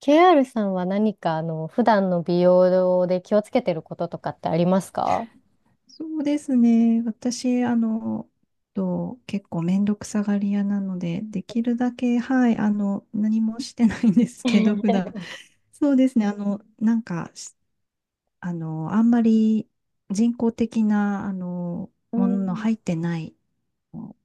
KR さんは何か普段の美容で気をつけてることとかってありますか？ そうですね。私、結構めんどくさがり屋なので、できるだけ、はい、何もしてないんですけど、普 段。そうですね。あんまり人工的な、うもののん、入ってない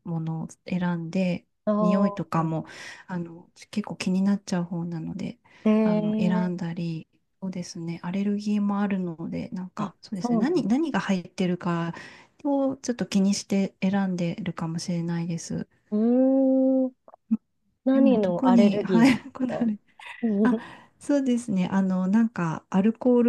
ものを選んで、あ匂いとかあ、も、結構気になっちゃう方なので、え選え、んだり、そうですね、アレルギーもあるので、あ、そうでそすね、うなんで何す。が入ってるかをちょっと気にして選んでるかもしれないです。うーん、で何も、の特アレに、ルギーはなんい、で こすだわか？ りあ、そうですね。アルコー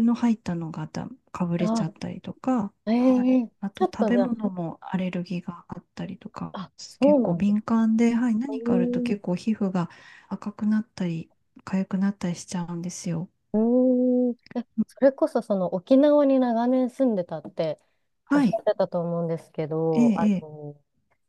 ルの入ったのがだ、かぶれちゃっあ、たりとか、えはい。え、あちと、ょっ食とべじゃあ、物もアレルギーがあったりとか、あ、そ結う構なんです。敏感で、はい、何かあるとうーん、結構皮膚が赤くなったり、痒くなったりしちゃうんですよ。うーん、え、それこそその沖縄に長年住んでたっておっはしゃっい。てたと思うんですけええ、ど、ええ。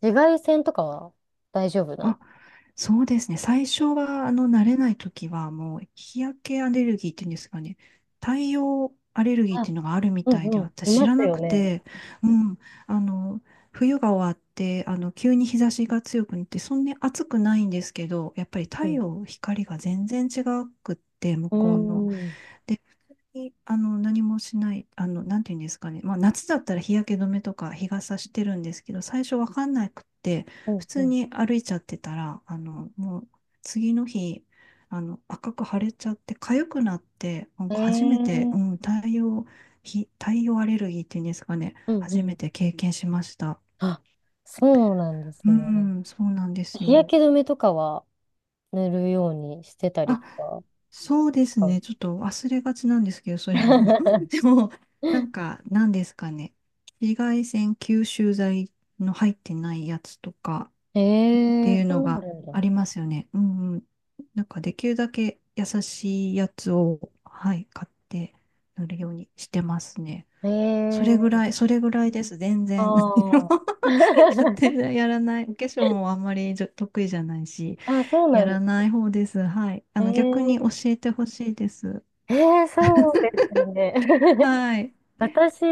紫外線とかは大丈夫なんであ、すそうですね。最初は、慣れない時は、もう、日焼けアレルギーっていうんですかね。太陽アレルギーっか？ていうのがあるみうたんいで、うん。い私知まらすなよくね。て、うん、あの、冬が終わって、急に日差しが強くなって、そんなに暑くないんですけど、やっぱり太うん。陽、光が全然違くって、向うこうの。ーん。で、普通に、何もしない、なんていうんですかね。まあ、夏だったら日焼け止めとか日傘してるんですけど、最初わかんなくって、う普ん通うに歩いちゃってたら、もう、次の日、赤く腫れちゃって、痒くなって、なんか初めて、うん、ん。ええ、太陽アレルギーっていうんですかね。うん初うめん。て経験しました。あ、そうなんですうね。ん、そうなんです日よ。焼け止めとかは塗るようにしてたりあ、とか、そうです使う。ね。ちょっと忘れがちなんですけど、それも でも、なんですかね。紫外線吸収剤の入ってないやつとかえってえいー、うそのうながるんだ。ありますよね。うんうん。なんか、できるだけ優しいやつを、はい、買って塗るようにしてますね。ええー、それぐらいです。全然、何ああ。も やって やらない。お化粧もあんまり得意じゃないし。あ、そうやなんらだ。ない方です。はい。あの、逆えに教ええてほしいです。ええ、そうですよね。はい。私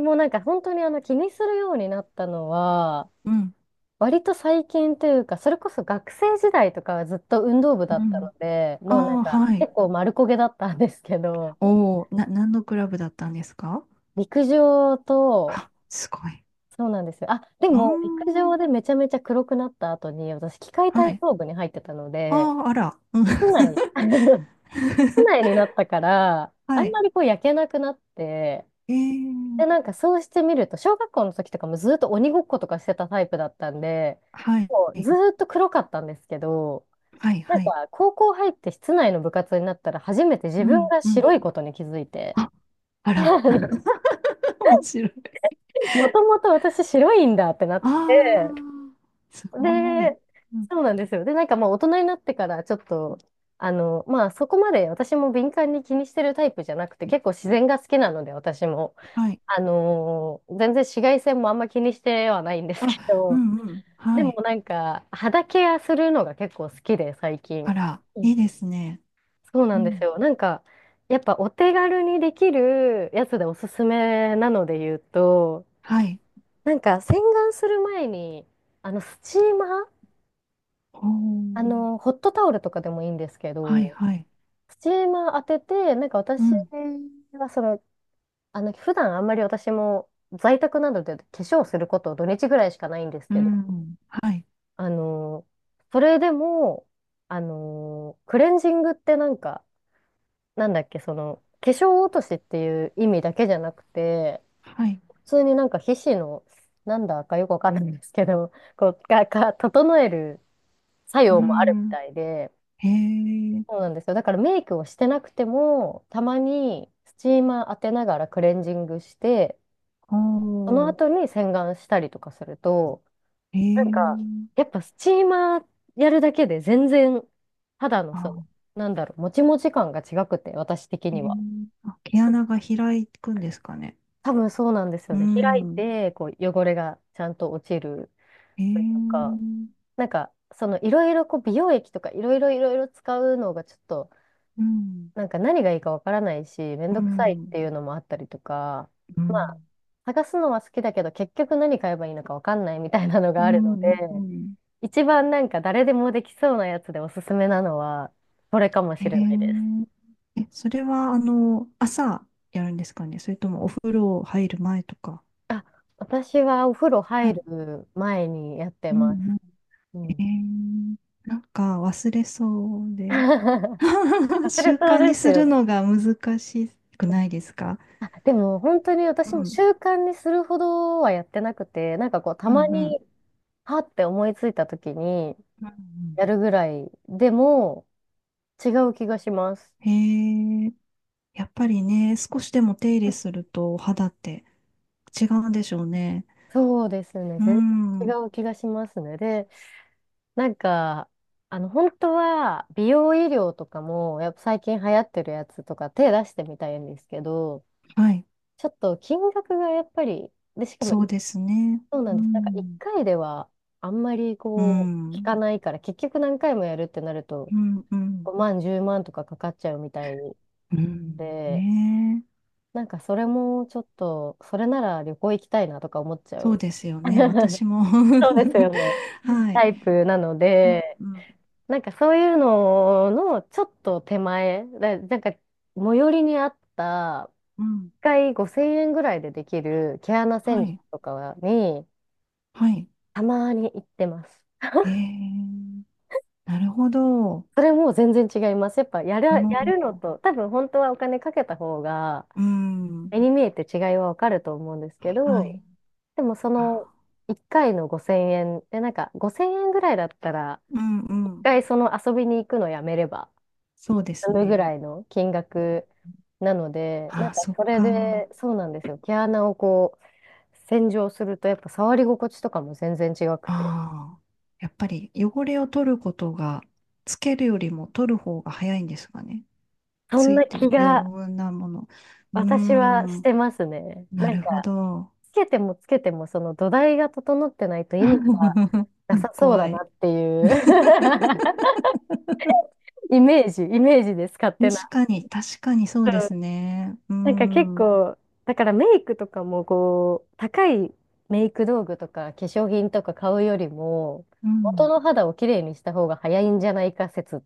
もなんか本当に気にするようになったのは、うん。割と最近というか、それこそ学生時代とかはずっと運動部うだったのん。で、あもうなんあ、かはい。結構丸焦げだったんですけど、おお、な、何のクラブだったんですか？陸上と、あ、すごい。そうなんですよ。あ、でうーも陸ん。上でめちゃめちゃ黒くなった後に、私、器械は体い。操部に入ってたのあで、あ、あら。うん 室内に なったから、あはんまい。りこう焼けなくなって、えー、で、なんかそうしてみると、小学校の時とかもずっと鬼ごっことかしてたタイプだったんで、はい。もうずーっと黒かったんですけど、はい、なんはい。か、高校入って室内の部活になったら、初めて自う分ん、がうん。白いことに気づいて、あ、あ あら。の 面白い。もともと私白いんだってなっあて、あ、すごい。で、うん、そうなんですよ。で、なんかまあ大人になってからちょっと、まあそこまで私も敏感に気にしてるタイプじゃなくて、結構自然が好きなので、私も。はい。全然紫外線もあんま気にしてはないんですけあ、うど、ん、うん。ではもい。なんか、肌ケアするのが結構好きで、最近。あら、いいですね。そううなんですん。よ。なんか、やっぱお手軽にできるやつでおすすめなので言うと、はい。なんか洗顔する前に、スチーマー、ほう。ホットタオルとかでもいいんですけはいど、はい。スチーマー当てて、なんかう私ん。はその、普段あんまり私も在宅などで化粧すること土日ぐらいしかないんですうけど、ん。はい。あの、それでも、クレンジングってなんか、なんだっけ、その、化粧落としっていう意味だけじゃなくて、はい。普通になんか皮脂の、なんだかよくわかんないんですけど、こう、整える作う用もあるみん。たいで、へえ。そうなんですよ。だからメイクをしてなくても、たまにスチーマー当てながらクレンジングして、そのほう。後に洗顔したりとかすると、へなんか、やえ。っぱスチーマーやるだけで全然肌のその、あ、なんだろう、もちもち感が違くて、私的へえ。には。あ、毛穴が開くんですかね？多分そうなんですようね。開いん。て、こう、汚れがちゃんと落ちるへというえ。か、うなんか、その、いろいろ、こう、美容液とか、いろいろ、いろいろ使うのが、ちょっと、ん。なんか、何がいいかわからないし、めんどうくさいっん。ていうのもあったりとか、うまあ、ん。探すのは好きだけど、結局何買えばいいのかわかんないみたいなのうがあるのん。で、うん。一番なんか、誰でもできそうなやつでおすすめなのは、これかもへしえ。れないです。え、それは、あの、朝やるんですかね？それともお風呂入る前とか。あ、私はお風呂は入い。る前にやってうんます。うん。うん。へえー。なんか忘れそう で。そ習れそう慣にですすよるね。のが難しくないですか？あ、でも本当にう私もん。習慣にするほどはやってなくて、なんかこうたうんまうに、ん。はって思いついた時にうんうやんるぐらいでも違う気がします。へえ。やっぱりね、少しでも手入れするとお肌って違うんでしょうね。そうですね。う全ん。然違う気がしますね。で、なんか、本当は美容医療とかも、やっぱ最近流行ってるやつとか手出してみたいんですけど、はい。ちょっと金額がやっぱり、で、しかもそうですね。そうなうんです。なんか一ん。回ではあんまりうこう効ん。かないから、結局何回もやるってなるとうん。うん。5万、10万とかかかっちゃうみたいうんで、ねえ。なんかそれもちょっと、それなら旅行行きたいなとか思っちゃそうう。ですよね。私も そうですよ ね。はい。タイプなのうんで、うんなんかそういうののちょっと手前、なんか最寄りにあったうん。1回5000円ぐらいでできる毛穴は洗浄い。とかにはい。たまに行ってます。へえ。なるほど。おそれも全然違います。やっぱやるのお。と、多分本当はお金かけた方が、うん、目に見えて違いはわかると思うんですけはど、い。でもそのあ、1回の5000円で、なんか5000円ぐらいだったら、うんう1ん。回その遊びに行くのやめればそうです済むぐね。らいの金額なので、なんあ、かそっそれか。で、そうなんですよ。毛穴をこう、洗浄すると、やっぱ触り心地とかも全然違くて、ああ。やっぱり汚れを取ることが、つけるよりも取る方が早いんですかね？そつんいなてる気余が分なもの。うー私はしん、てますね。ななんかるほど。つけてもつけても、その土台が整ってないと意味がなさ そう怖だない。っていう イメージ、イメージです、勝手な。確かにそううでん、すね。うーなんか結ん、うん、構、だからメイクとかもこう、高いメイク道具とか化粧品とか買うよりも、元の肌をきれいにした方が早いんじゃないか説っ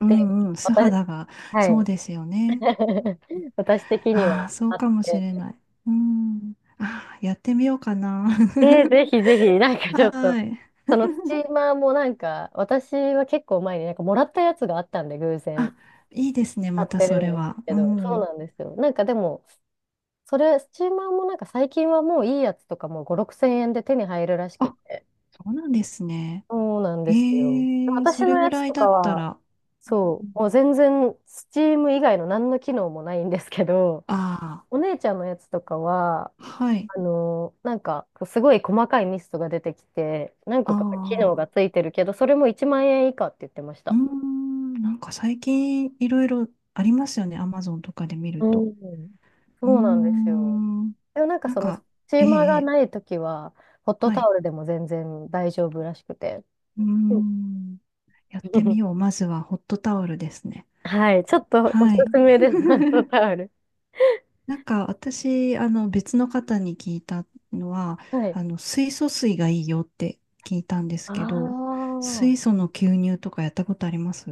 うて、ん、うん、素私、肌が、はそうい。ですよね。私的にあはあ、そうあっかもして。れない。うん。ああ、やってみようかな。ぜひぜひ、なん かちょはっと、ーい。そのスチー マーもなんか、私は結構前になんかもらったやつがあったんで、偶然あ、いいですね、買まったてそるんれですは。けうど、そうん。なんですよ。なんかでも、それ、スチーマーもなんか最近はもういいやつとかも5、6千円で手に入るらしくあ、て。そうなんですね。そうなんですよ。へえ、私そのれぐやつらいとだかったは、ら。そう、もう全然、スチーム以外の何の機能もないんですけど、あお姉ちゃんのやつとかは、あー、はい。なんか、すごい細かいミストが出てきて、何個あか機能あ、がついてるけど、それも1万円以下って言ってましうーた。ん、なんか最近いろいろありますよね、アマゾンとかで見るうと。ん。うーそうなんですよ。ん、でもなんかなんその、スか、チえーえ、マーえがえないときは、ホットはタい。オルでも全然大丈夫らしくて。うーうん。 ん。やってみよう。まずはホットタオルですね。はい、ちょっとおすはい。すめです、ホットタオル。なんか私、あの別の方に聞いたのは、はい。あの水素水がいいよって聞いたんですあけど、水あ。素の吸入とかやったことあります？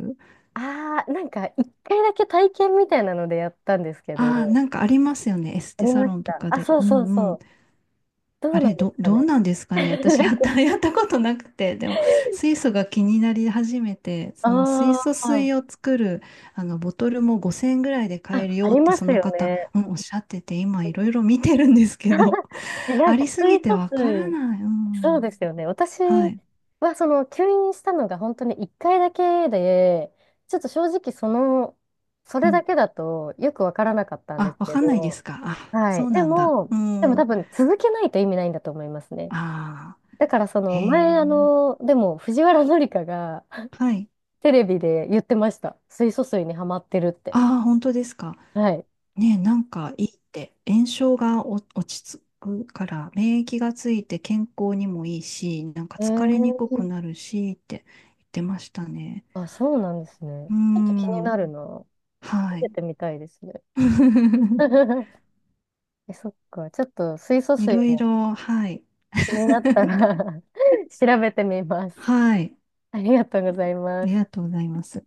ああ、なんか一回だけ体験みたいなのでやったんですけああー、ど、なんかありますよね。エスあテりサましロンとた。かあ、で。そううそうそんうん。う。どあうなれ、んですかどうね。なんですかね。私、な んやっか、た、やったことなくて、でも、水素が気になり始めて、その水あ素あ、水を作る、あの、ボトルも5000円ぐらいで買あ、えるあよっりて、まそすのよ方、ね。うん、おっしゃってて、今、いろいろ見てるんですけど、え、なあんりか、す水ぎて素わから水、ない。うそうん。ですよね。私はい。は、その、吸引したのが本当に1回だけで、ちょっと正直、その、そうれだん。けだとよくわからなかったんであ、すわけかんないでど、すか。あ、はそい。うでなんだ。も、う多ん。分、続けないと意味ないんだと思いますね。ああ、だから、そへの、え。前、でも、藤原紀香が はい。テレビで言ってました。水素水にハマってるって。ああ、本当ですか。はい。ね、なんかいいって、炎症が落ち着くから、免疫がついて健康にもいいし、なんかえ疲れにくーくなるしって言ってましたね。あ、そうなんですね。うーちょっと気にん、なるな。は食べい。てみたいですね。え、そっか。ちょっと水素い水ろいもろ、はい。気になったら 調べてみます。はい。ありがとうございあまりす。がとうございます。